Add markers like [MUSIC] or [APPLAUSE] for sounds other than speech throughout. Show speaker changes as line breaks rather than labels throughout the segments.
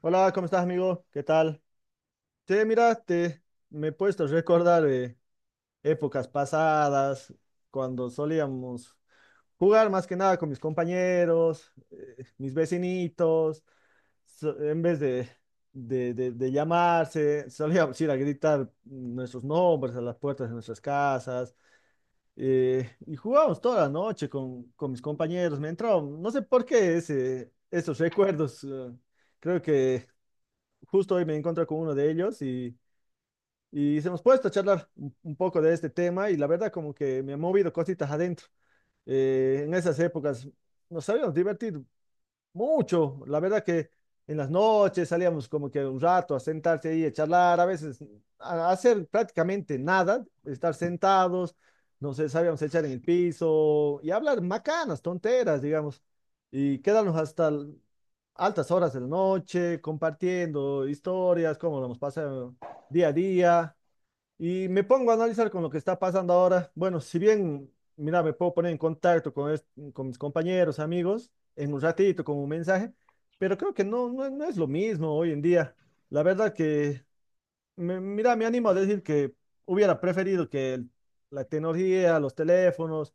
Hola, ¿cómo estás, amigo? ¿Qué tal? Te mira, te me he puesto a recordar épocas pasadas cuando solíamos jugar más que nada con mis compañeros, mis vecinitos. En vez de llamarse, solíamos ir a gritar nuestros nombres a las puertas de nuestras casas. Y jugábamos toda la noche con mis compañeros. Me entró, no sé por qué esos recuerdos. Creo que justo hoy me encontré con uno de ellos y hemos puesto a charlar un poco de este tema y la verdad como que me ha movido cositas adentro. En esas épocas nos habíamos divertido mucho, la verdad que en las noches salíamos como que un rato a sentarse ahí, a charlar, a veces a hacer prácticamente nada, estar sentados, no sé, sabíamos echar en el piso y hablar macanas, tonteras, digamos, y quedarnos altas horas de la noche compartiendo historias, cómo lo hemos pasado día a día. Y me pongo a analizar con lo que está pasando ahora. Bueno, si bien, mira, me puedo poner en contacto con mis compañeros, amigos, en un ratito con un mensaje, pero creo que no es lo mismo hoy en día. La verdad que, mira, me animo a decir que hubiera preferido que la tecnología, los teléfonos,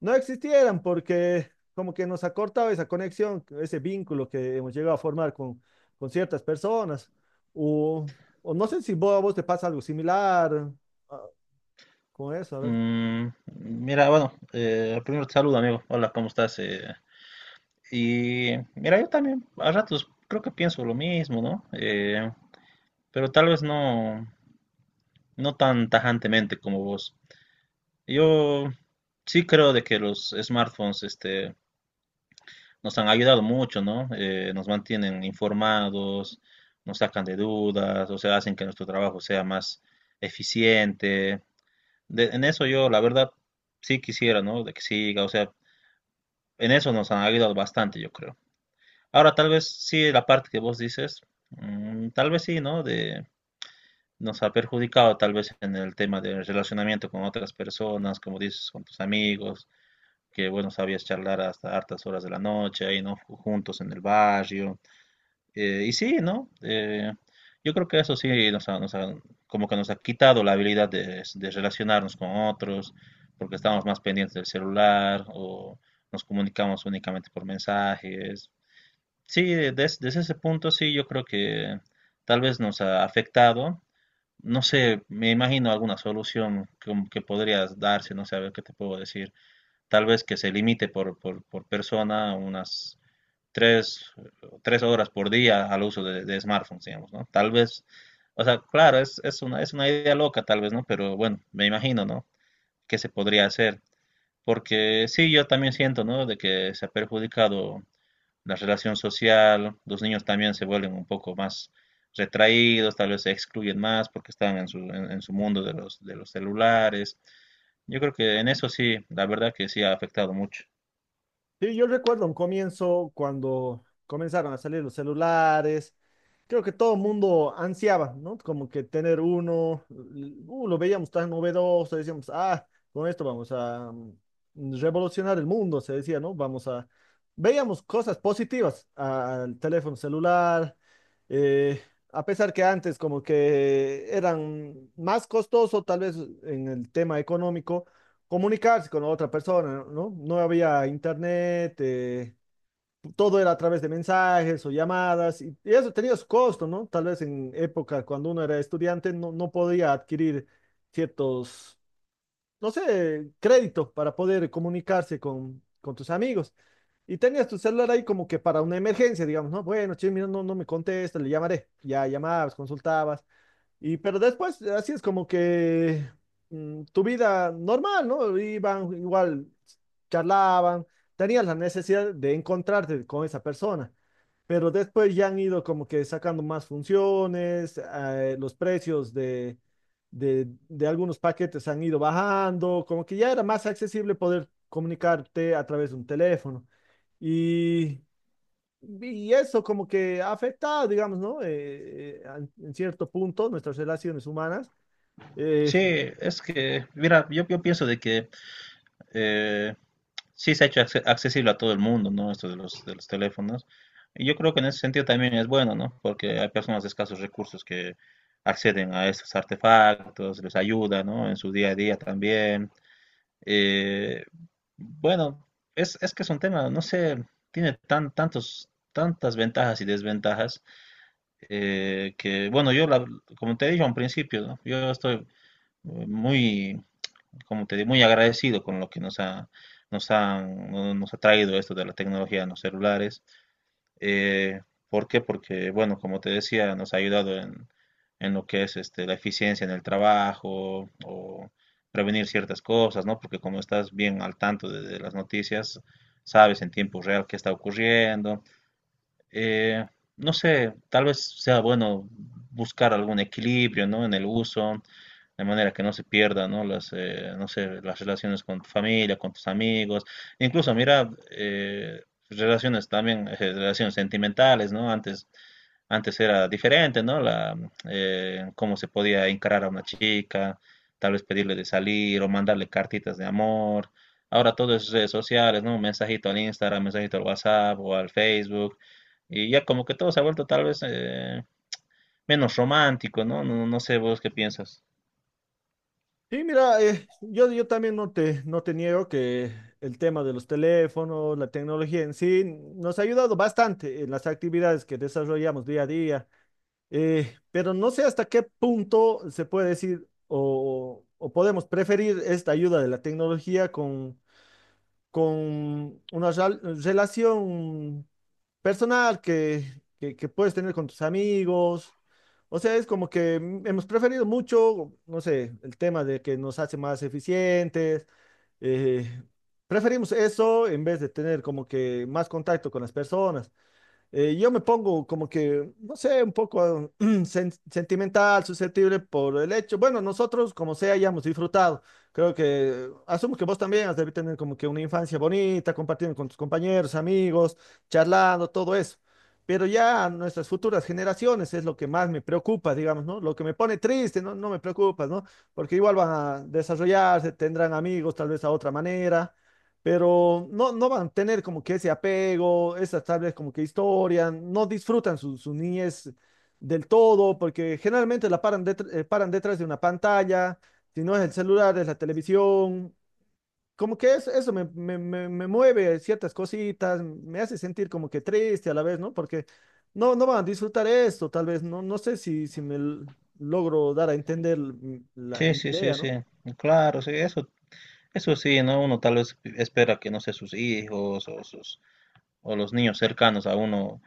no existieran porque como que nos ha cortado esa conexión, ese vínculo que hemos llegado a formar con ciertas personas. O, o no sé si vos, a vos te pasa algo similar. ah, con eso, a ver.
Mm, mira, bueno, primero te saludo, amigo. Hola, ¿cómo estás? Y mira, yo también a ratos creo que pienso lo mismo, ¿no? Pero tal vez no, no tan tajantemente como vos. Yo sí creo de que los smartphones, este, nos han ayudado mucho, ¿no? Nos mantienen informados, nos sacan de dudas, o sea, hacen que nuestro trabajo sea más eficiente. En eso yo, la verdad, sí quisiera, ¿no? De que siga, o sea. En eso nos han ayudado bastante, yo creo. Ahora, tal vez sí, la parte que vos dices, tal vez sí, ¿no? Nos ha perjudicado tal vez en el tema del relacionamiento con otras personas, como dices, con tus amigos, que bueno, sabías charlar hasta hartas horas de la noche, ahí, ¿no? Juntos en el barrio. Y sí, ¿no? Yo creo que eso sí como que nos ha quitado la habilidad de relacionarnos con otros, porque estamos más pendientes del celular o nos comunicamos únicamente por mensajes. Sí, desde ese punto sí, yo creo que tal vez nos ha afectado. No sé, me imagino alguna solución que podrías darse, no sé, a ver qué te puedo decir. Tal vez que se limite por persona unas tres, tres horas por día al uso de smartphones, digamos, ¿no? Tal vez, o sea, claro, es una idea loca tal vez, ¿no? Pero bueno, me imagino, ¿no? ¿Qué se podría hacer? Porque sí, yo también siento, ¿no? De que se ha perjudicado la relación social, los niños también se vuelven un poco más retraídos, tal vez se excluyen más porque están en su mundo de los celulares. Yo creo que en eso sí, la verdad que sí ha afectado mucho.
Sí, yo recuerdo un comienzo cuando comenzaron a salir los celulares. Creo que todo el mundo ansiaba, ¿no? Como que tener uno, lo veíamos tan novedoso, decíamos, ah, con esto vamos a revolucionar el mundo, se decía, ¿no? Vamos a... Veíamos cosas positivas al teléfono celular, eh, a pesar que antes como que eran más costoso tal vez en el tema económico. Comunicarse con otra persona, ¿no? No había internet, todo era a través de mensajes o llamadas, y eso tenía su costo, ¿no? Tal vez en época cuando uno era estudiante no podía adquirir ciertos, no sé, créditos para poder comunicarse con tus amigos. Y tenías tu celular ahí como que para una emergencia, digamos, ¿no? Bueno, che, mira, no me contesta, le llamaré. Ya llamabas, consultabas. Y pero después, así es como que tu vida normal, ¿no? Iban igual, charlaban, tenías la necesidad de encontrarte con esa persona, pero después ya han ido como que sacando más funciones, los precios de algunos paquetes han ido bajando, como que ya era más accesible poder comunicarte a través de un teléfono. Y y eso como que ha afectado, digamos, ¿no? En cierto punto nuestras relaciones humanas. Eh,
Sí, es que, mira, yo pienso de que eh, sí se ha hecho accesible a todo el mundo, ¿no? Esto de los teléfonos. Y yo creo que en ese sentido también es bueno, ¿no? Porque hay personas de escasos recursos que acceden a estos artefactos, les ayuda, ¿no? En su día a día también. Eh, bueno, es que es un tema, no sé, tiene tantas ventajas y desventajas, que, bueno, como te dije al principio, ¿no? Yo estoy, eh, muy, como te digo, muy agradecido con lo que nos ha traído esto de la tecnología en los celulares. Eh, ¿por qué? Porque, bueno, como te decía, nos ha ayudado en lo que es este, la eficiencia en el trabajo o prevenir ciertas cosas, ¿no? Porque como estás bien al tanto de las noticias, sabes en tiempo real qué está ocurriendo. Eh, no sé, tal vez sea bueno buscar algún equilibrio, ¿no? En el uso de manera que no se pierdan, ¿no? Las, no sé, las relaciones con tu familia, con tus amigos, incluso mira, relaciones también, relaciones sentimentales, ¿no? Antes, antes era diferente, ¿no? Cómo se podía encarar a una chica, tal vez pedirle de salir o mandarle cartitas de amor. Ahora todo es redes sociales, ¿no? Un mensajito al Instagram, mensajito al WhatsApp o al Facebook. Y ya como que todo se ha vuelto tal vez menos romántico, ¿no? No, no sé vos qué piensas.
y mira, yo también no te, no te niego que el tema de los teléfonos, la tecnología en sí, nos ha ayudado bastante en las actividades que desarrollamos día a día. Pero no sé hasta qué punto se puede decir o podemos preferir esta ayuda de la tecnología con una relación personal que puedes tener con tus amigos. O sea, es como que hemos preferido mucho, no sé, el tema de que nos hace más eficientes. eh, Preferimos eso en vez de tener como que más contacto con las personas. Yo me pongo como que, no sé, un poco [CLEARS THROAT] sentimental, susceptible por el hecho. Bueno, nosotros, como sea, hayamos disfrutado. Creo que, asumo que vos también has de tener como que una infancia bonita, compartiendo con tus compañeros, amigos, charlando, todo eso. Pero ya nuestras futuras generaciones es lo que más me preocupa, digamos, ¿no? Lo que me pone triste, no, no me preocupa, ¿no? Porque igual van a desarrollarse, tendrán amigos tal vez a otra manera, pero no van a tener como que ese apego, esas tablas como que historia, no disfrutan su, su niñez del todo, porque generalmente la paran, paran detrás de una pantalla, si no es el celular, es la televisión, como que eso me mueve ciertas cositas, me hace sentir como que triste a la vez, ¿no? Porque no van a disfrutar esto, tal vez, no, no sé si me logro dar a entender la
Sí,
mi
sí, sí,
idea,
sí,
¿no?
claro, sí, eso sí, ¿no? Uno tal vez espera que, no sé, sus hijos o o los niños cercanos a uno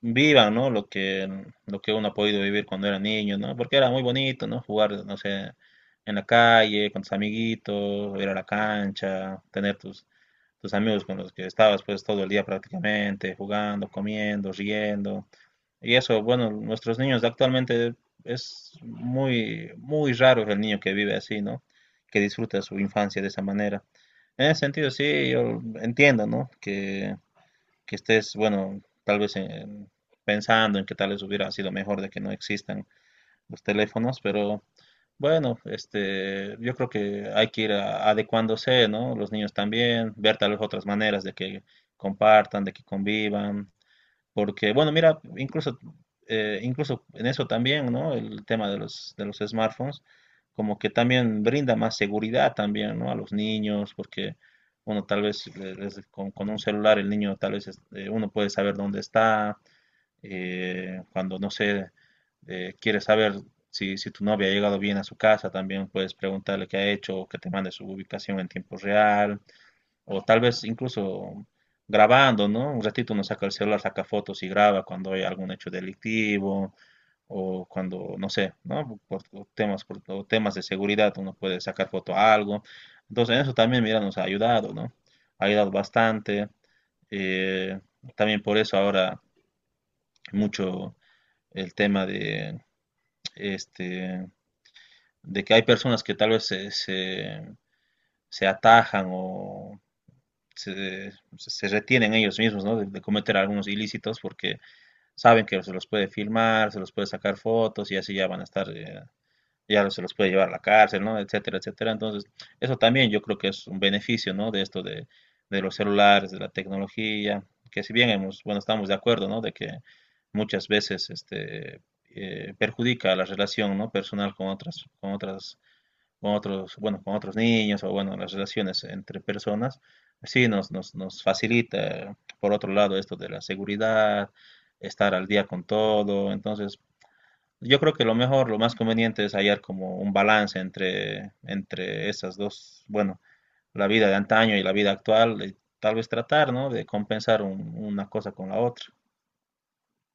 vivan, ¿no? Lo que uno ha podido vivir cuando era niño, ¿no? Porque era muy bonito, ¿no? Jugar, no sé, en la calle, con tus amiguitos, ir a la cancha, tener tus amigos con los que estabas pues todo el día prácticamente, jugando, comiendo, riendo. Y eso, bueno, nuestros niños actualmente es muy, muy raro el niño que vive así, ¿no? Que disfruta su infancia de esa manera. En ese sentido, sí, yo entiendo, ¿no? Que estés, bueno, tal vez pensando en que tal vez hubiera sido mejor de que no existan los teléfonos, pero bueno, este, yo creo que hay que ir adecuándose, ¿no? Los niños también, ver tal vez otras maneras de que compartan, de que convivan, porque, bueno, mira, incluso, incluso en eso también, ¿no? El tema de los smartphones, como que también brinda más seguridad también, ¿no? A los niños, porque, bueno, tal vez con un celular el niño, tal vez uno puede saber dónde está, cuando, no sé, quiere saber si tu novia ha llegado bien a su casa, también puedes preguntarle qué ha hecho, o que te mande su ubicación en tiempo real. O tal vez incluso grabando, ¿no? Un ratito uno saca el celular, saca fotos y graba cuando hay algún hecho delictivo o cuando, no sé, ¿no? Por temas, por o temas de seguridad uno puede sacar foto a algo. Entonces eso también, mira, nos ha ayudado, ¿no? Ha ayudado bastante. Eh, también por eso ahora mucho el tema de, este, de que hay personas que tal vez se atajan o se, se retienen ellos mismos, ¿no? De cometer algunos ilícitos porque saben que se los puede filmar, se los puede sacar fotos y así ya van a estar, ya se los puede llevar a la cárcel, ¿no? Etcétera, etcétera. Entonces, eso también yo creo que es un beneficio, ¿no? De esto de los celulares, de la tecnología, que si bien bueno, estamos de acuerdo, ¿no? De que muchas veces este, perjudica la relación, ¿no? Personal con otros, bueno, con otros niños o bueno, las relaciones entre personas, sí nos facilita, por otro lado, esto de la seguridad, estar al día con todo. Entonces, yo creo que lo mejor, lo más conveniente es hallar como un balance entre esas dos, bueno, la vida de antaño y la vida actual, y tal vez tratar, ¿no? de compensar una cosa con la otra.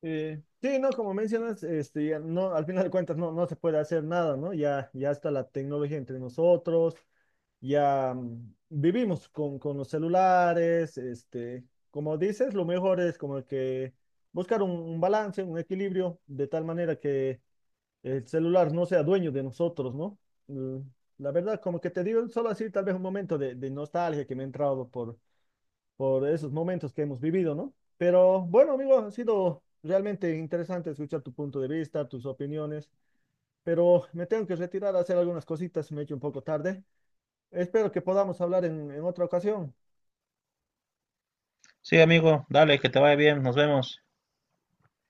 Sí, no, como mencionas, este, ya no, al final de cuentas no se puede hacer nada, ¿no? Ya está la tecnología entre nosotros, ya vivimos con los celulares, este, como dices, lo mejor es como que buscar un balance, un equilibrio, de tal manera que el celular no sea dueño de nosotros, ¿no? Mm, la verdad, como que te digo, solo así tal vez un momento de nostalgia que me ha entrado por esos momentos que hemos vivido, ¿no? Pero bueno, amigo, ha sido realmente interesante escuchar tu punto de vista, tus opiniones, pero me tengo que retirar a hacer algunas cositas, me he hecho un poco tarde. Espero que podamos hablar en otra ocasión.
Sí, amigo, dale, que te vaya bien, nos vemos.